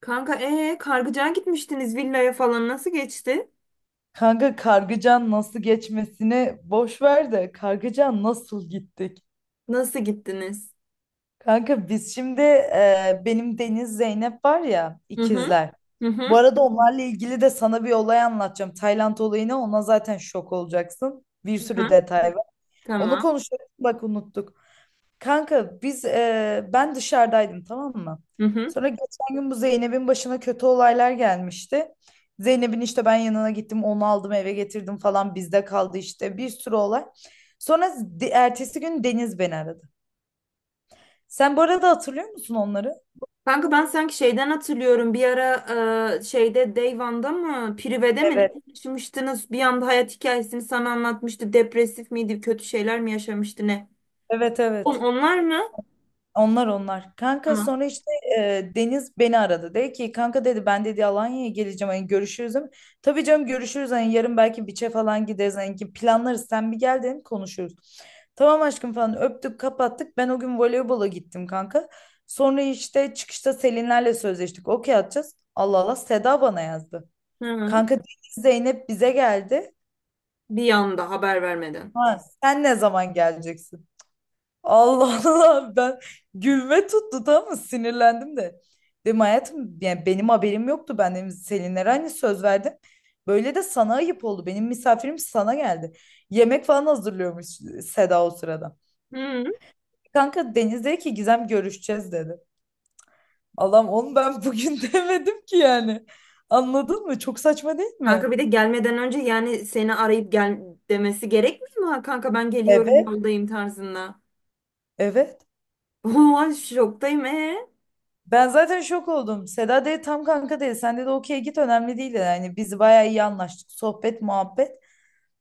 Kanka Kargıcağa gitmiştiniz, villaya falan, nasıl geçti? Kanka Kargıcan nasıl geçmesini boş ver de Kargıcan nasıl gittik? Nasıl gittiniz? Kanka biz şimdi benim Deniz Zeynep var ya, Hı hı. ikizler. Hı Bu hı. arada onlarla ilgili de sana bir olay anlatacağım. Tayland olayını ona, zaten şok olacaksın. Bir Hı sürü hı. detay var. Onu Tamam. konuşalım, bak unuttuk. Kanka biz ben dışarıdaydım, tamam mı? Hı hı. Sonra geçen gün bu Zeynep'in başına kötü olaylar gelmişti. Zeynep'in işte ben yanına gittim onu aldım eve getirdim falan bizde kaldı işte bir sürü olay. Sonra ertesi gün Deniz beni aradı. Sen bu arada hatırlıyor musun onları? Kanka ben sanki şeyden hatırlıyorum. Bir ara şeyde Deyvan'da mı? Prive'de mi? Evet. Ne yaşamıştınız? Bir anda hayat hikayesini sana anlatmıştı. Depresif miydi? Kötü şeyler mi yaşamıştı ne? Evet, On, evet. onlar mı? Onlar, onlar. Kanka Tamam. sonra işte Deniz beni aradı. Dedi ki, kanka dedi, ben dedi Alanya'ya geleceğim, hani görüşürüz değil mi? Tabii canım, görüşürüz, hani yarın belki biçe falan gideriz, hani ki planlarız, sen bir gel dedim, konuşuruz. Tamam aşkım falan, öptük kapattık. Ben o gün voleybola gittim kanka. Sonra işte çıkışta Selinlerle sözleştik. Okey atacağız. Allah Allah, Seda bana yazdı. Hı hı. Kanka Deniz Zeynep bize geldi. Bir anda haber vermeden. Ha, sen ne zaman geleceksin? Allah Allah, ben gülme tuttu, tamam mı, sinirlendim de. Dedim hayatım, yani benim haberim yoktu, ben dedim Selinlere hani söz verdim. Böyle de sana ayıp oldu, benim misafirim sana geldi. Yemek falan hazırlıyormuş Seda o sırada. Hı. Kanka Deniz dedi ki, Gizem görüşeceğiz dedi. Allah'ım, onu ben bugün demedim ki yani. Anladın mı? Çok saçma değil Kanka mi? bir de gelmeden önce yani seni arayıp gel demesi gerekmiyor mu? Ha, kanka ben geliyorum, Evet. yoldayım tarzında. Evet. Oha, şoktayım. Ben zaten şok oldum. Seda dedi, tam kanka dedi. Sen dedi okey git, önemli değil dedi. Yani biz bayağı iyi anlaştık. Sohbet, muhabbet.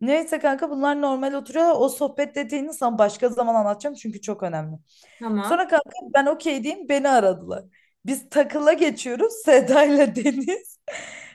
Neyse kanka, bunlar normal oturuyor. O sohbet detayını sana başka zaman anlatacağım, çünkü çok önemli. Tamam. Sonra kanka ben okey diyeyim, beni aradılar. Biz takıla geçiyoruz Seda ile Deniz.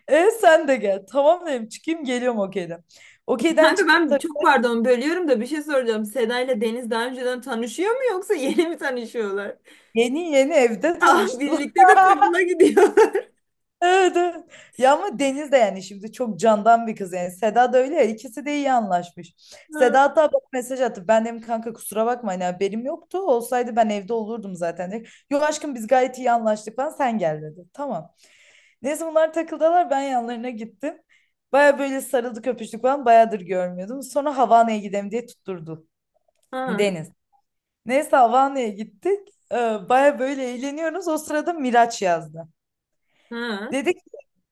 E sen de gel. Tamam dedim, çıkayım geliyorum okeyden. Okeyden Kanka çıktım ben çok pardon, bölüyorum da bir şey soracağım. Seda ile Deniz daha önceden tanışıyor mu, yoksa yeni mi tanışıyorlar? yeni yeni evde Ah, tanıştılar. birlikte de takıla gidiyorlar. Evet, evet. Ya ama Deniz de yani şimdi çok candan bir kız yani. Seda da öyle ya, ikisi de iyi anlaşmış. Ha, Seda hatta bak mesaj attı. Ben dedim kanka kusura bakma, hani haberim yoktu. Olsaydı ben evde olurdum zaten dedi. Yok aşkım, biz gayet iyi anlaştık falan, sen gel dedi. Tamam. Neyse bunlar takıldılar, ben yanlarına gittim. Baya böyle sarıldık, öpüştük falan, bayağıdır görmüyordum. Sonra Havana'ya gidelim diye tutturdu ha, Deniz. Neyse Havana'ya gittik. Baya böyle eğleniyoruz. O sırada Miraç yazdı. ha, Dedi ki,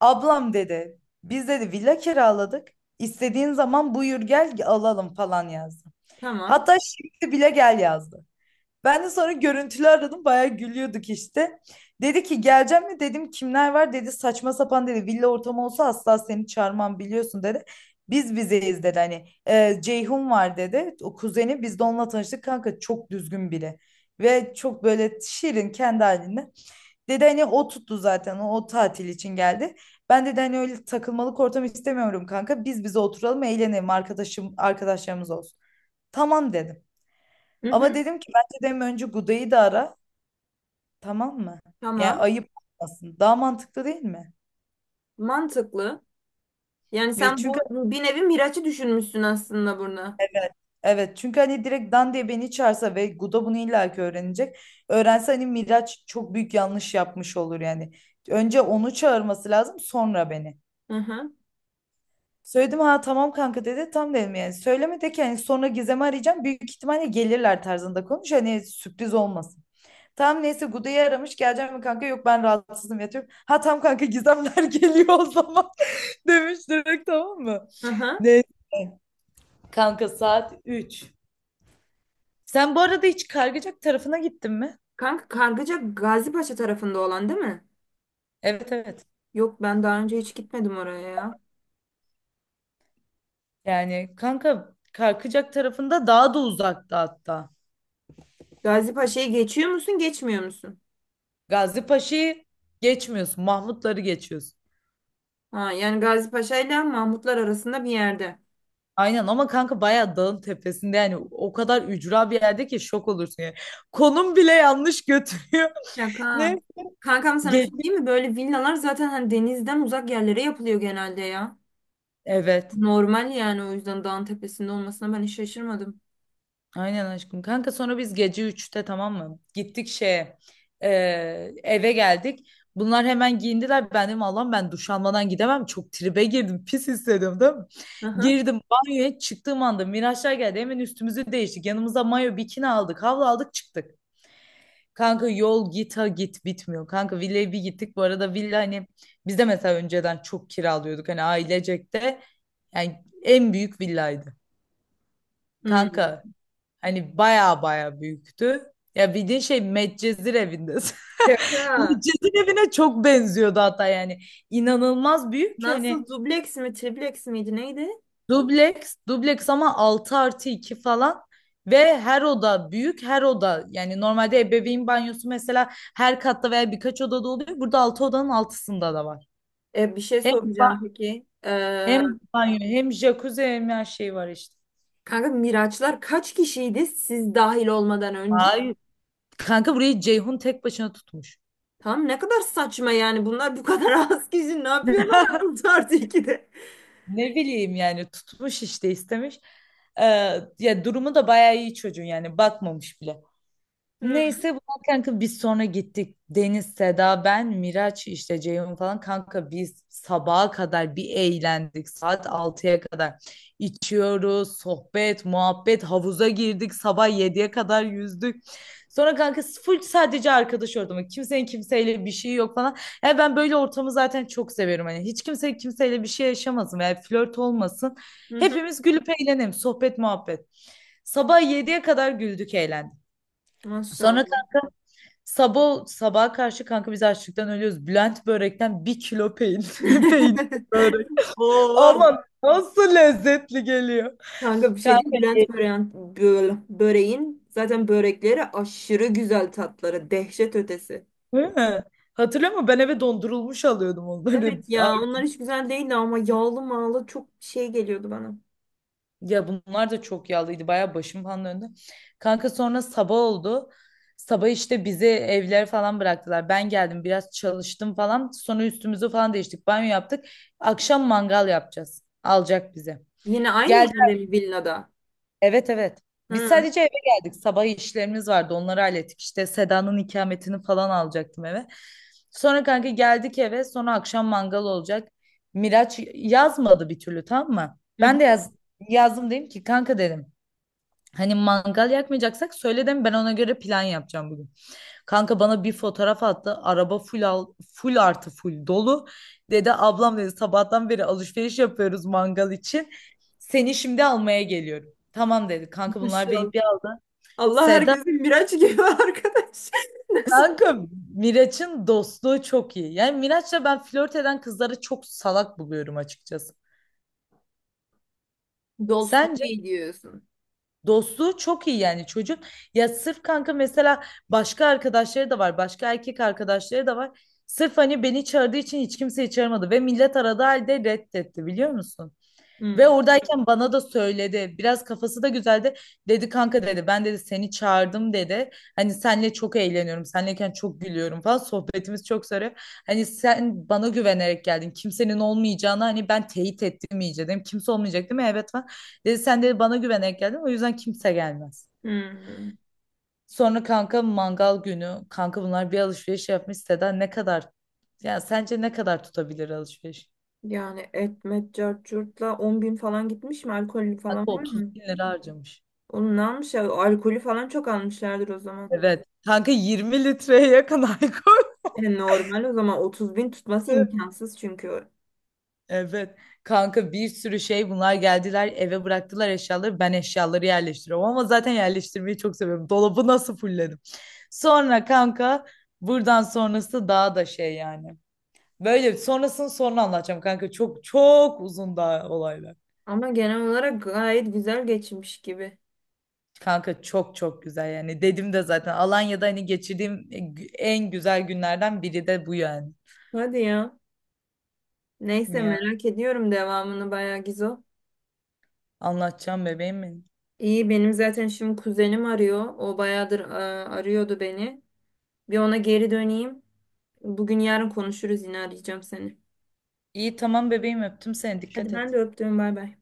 ablam dedi biz dedi villa kiraladık. İstediğin zaman buyur gel, alalım falan yazdı. tamam. Hatta şimdi bile gel yazdı. Ben de sonra görüntülü aradım, bayağı gülüyorduk işte. Dedi ki geleceğim mi, dedim kimler var, dedi saçma sapan, dedi villa ortamı olsa asla seni çağırmam biliyorsun dedi. Biz bizeyiz dedi, hani Ceyhun var dedi, o kuzeni, biz de onunla tanıştık kanka, çok düzgün biri. Ve çok böyle şirin, kendi halinde. Dedi hani o tuttu zaten, o tatil için geldi. Ben dedi hani öyle takılmalık ortam istemiyorum kanka. Biz bize oturalım, eğlenelim, arkadaşım arkadaşlarımız olsun. Tamam dedim. Hı Ama hı, dedim ki bence dedim önce Guda'yı da ara, tamam mı? Yani tamam. ayıp olmasın. Daha mantıklı değil mi? Mantıklı. Yani Ya sen bu çünkü bir nevi Miraç'ı düşünmüşsün aslında burada. evet. Evet, çünkü hani direkt Dan diye beni çağırsa ve Guda bunu illaki öğrenecek. Öğrense hani Miraç çok büyük yanlış yapmış olur yani. Önce onu çağırması lazım, sonra beni. Hı hı, Söyledim, ha tamam kanka dedi. Tam dedim yani. Söyleme de ki hani sonra Gizem'i arayacağım. Büyük ihtimalle gelirler tarzında konuş. Hani sürpriz olmasın. Tamam, neyse Guda'yı aramış. Geleceğim mi kanka? Yok, ben rahatsızım, yatıyorum. Ha tamam kanka, Gizemler geliyor o zaman. Demiş direkt, tamam mı? hı hı. Neyse. Kanka saat 3. Sen bu arada hiç Kargıcak tarafına gittin mi? Kanka Kargıca Gazipaşa tarafında olan değil mi? Evet, evet. Yok, ben daha önce hiç gitmedim oraya ya. Yani kanka Kargıcak tarafında daha da uzakta hatta. Gazipaşa'yı geçiyor musun, geçmiyor musun? Gazi Paşa'yı geçmiyorsun. Mahmutları geçiyorsun. Ha, yani Gazi Paşa ile Mahmutlar arasında bir yerde. Aynen, ama kanka bayağı dağın tepesinde, yani o kadar ücra bir yerde ki şok olursun yani. Konum bile yanlış götürüyor. Şaka. Ne? Kankam, sana bir Gece. şey diyeyim mi? Böyle villalar zaten hani denizden uzak yerlere yapılıyor genelde ya. Evet. Normal yani, o yüzden dağın tepesinde olmasına ben hiç şaşırmadım. Aynen aşkım. Kanka sonra biz gece 3'te, tamam mı, gittik şeye. e, Eve geldik. Bunlar hemen giyindiler. Ben dedim Allah'ım, ben duş almadan gidemem. Çok tribe girdim. Pis hissediyorum, değil mi? Aha. Girdim banyoya, çıktığım anda Miraçlar geldi. Hemen üstümüzü değiştik. Yanımıza mayo bikini aldık. Havlu aldık, çıktık. Kanka yol git ha git, bitmiyor. Kanka villaya bir gittik. Bu arada villa, hani biz de mesela önceden çok kiralıyorduk. Hani ailecek de, yani en büyük villaydı. Hmm. Kanka hani baya büyüktü. Ya, bildiğin şey Medcezir evinde. Şaka. Medcezir evine çok benziyordu hatta yani. İnanılmaz büyük ki hani. Nasıl, dubleks mi tripleks miydi neydi? Dubleks, dubleks, ama 6 artı 2 falan. Ve her oda büyük, her oda, yani normalde ebeveyn banyosu mesela her katta veya birkaç odada oluyor. Burada 6 odanın altısında da var. E, bir şey Hem, ba- soracağım peki. Hem banyo, hem jacuzzi, hem her şey var işte. Kanka Miraçlar kaç kişiydi, siz dahil olmadan önce? Hayır. Kanka burayı Ceyhun tek başına tutmuş. Tamam, ne kadar saçma yani, bunlar bu kadar az kişi ne yapıyorlar 6 artı 2'de? Ne bileyim, yani tutmuş işte, istemiş. Ee, Ya durumu da bayağı iyi çocuğun, yani bakmamış bile. Neyse bunlar, kanka biz sonra gittik. Deniz, Seda, ben, Miraç işte, Ceyhun falan, kanka biz sabaha kadar bir eğlendik. Saat 6'ya kadar içiyoruz, sohbet, muhabbet, havuza girdik. Sabah 7'ye kadar yüzdük. Sonra kanka full sadece arkadaş ortamı. Kimsenin kimseyle bir şey yok falan. Ya ben böyle ortamı zaten çok seviyorum. Hani hiç kimse kimseyle bir şey yaşamasın veya flört olmasın. Hepimiz gülüp eğlenelim. Sohbet, muhabbet. Sabah 7'ye kadar güldük, eğlendik. Sonra Maşallah. sabah sabaha karşı, kanka biz açlıktan ölüyoruz. Bülent börekten bir kilo peynir. Peynir börek. Oo. Aman nasıl lezzetli geliyor. Kanka bir şey Kanka değil. Bülent Böreğin zaten börekleri aşırı güzel, tatları dehşet ötesi. değil mi? Hatırlıyor musun? Ben eve dondurulmuş alıyordum onları. Evet Ay, ya, onlar hiç güzel değildi ama yağlı mağlı çok şey geliyordu bana. ya bunlar da çok yağlıydı. Bayağı başım falan döndü. Kanka sonra sabah oldu. Sabah işte bizi evlere falan bıraktılar. Ben geldim, biraz çalıştım falan. Sonra üstümüzü falan değiştik. Banyo yaptık. Akşam mangal yapacağız. Alacak bize. Yine aynı Gel yerde mi, villada? Evet, evet. Biz Hı. sadece eve geldik. Sabah işlerimiz vardı. Onları hallettik. İşte Seda'nın ikametini falan alacaktım eve. Sonra kanka geldik eve. Sonra akşam mangal olacak. Miraç yazmadı bir türlü, tamam mı? Ben de yazdım, dedim ki kanka dedim. Hani mangal yakmayacaksak söyle dedim, ben ona göre plan yapacağım bugün. Kanka bana bir fotoğraf attı. Araba full full artı full dolu. Dedi ablam dedi sabahtan beri alışveriş yapıyoruz mangal için. Seni şimdi almaya geliyorum. Tamam dedi. Kanka bunlar beni Maşallah. bir aldı. Allah Seda herkesin Miraç gibi arkadaş. Nasip. kanka, Miraç'ın dostluğu çok iyi. Yani Miraç'la ben, flört eden kızları çok salak buluyorum açıkçası. Dostluğu Sence? iyi diyorsun. Dostluğu çok iyi yani çocuk. Ya sırf kanka mesela başka arkadaşları da var. Başka erkek arkadaşları da var. Sırf hani beni çağırdığı için hiç kimseyi çağırmadı. Ve millet aradığı halde reddetti, biliyor musun? Ve Hı. oradayken bana da söyledi. Biraz kafası da güzeldi. Dedi kanka dedi, ben dedi seni çağırdım dedi. Hani senle çok eğleniyorum. Senleyken çok gülüyorum falan. Sohbetimiz çok sarıyor. Hani sen bana güvenerek geldin. Kimsenin olmayacağını hani ben teyit ettim iyice dedim. Kimse olmayacak değil mi? Evet falan. Dedi sen dedi bana güvenerek geldin. O yüzden kimse gelmez. Hı. Sonra kanka mangal günü. Kanka bunlar bir alışveriş yapmış. Seda ne kadar? Ya sence ne kadar tutabilir alışveriş? Yani etmet cart curtla 10 bin falan gitmiş mi? Alkol falan Kanka var 30 mı? bin lira harcamış. Onu ne almış ya? Alkolü falan çok almışlardır o zaman. Evet. Kanka 20 litreye yakın alkol. Yani normal, o zaman 30 bin tutması imkansız çünkü. Evet. Kanka bir sürü şey, bunlar geldiler eve, bıraktılar eşyaları. Ben eşyaları yerleştiriyorum, ama zaten yerleştirmeyi çok seviyorum. Dolabı nasıl fulledim. Sonra kanka buradan sonrası daha da şey yani. Böyle sonrasını sonra anlatacağım kanka. Çok çok uzun daha olaylar. Ama genel olarak gayet güzel geçmiş gibi. Kanka çok çok güzel yani. Dedim de zaten Alanya'da hani geçirdiğim en güzel günlerden biri de bu yani. Hadi ya. Neyse, Ya merak ediyorum devamını bayağı, Gizo. anlatacağım bebeğim mi? İyi, benim zaten şimdi kuzenim arıyor. O bayağıdır arıyordu beni. Bir ona geri döneyim. Bugün yarın konuşuruz, yine arayacağım seni. İyi tamam bebeğim, öptüm seni, dikkat Hadi, ben et. de öptüm, bay bay.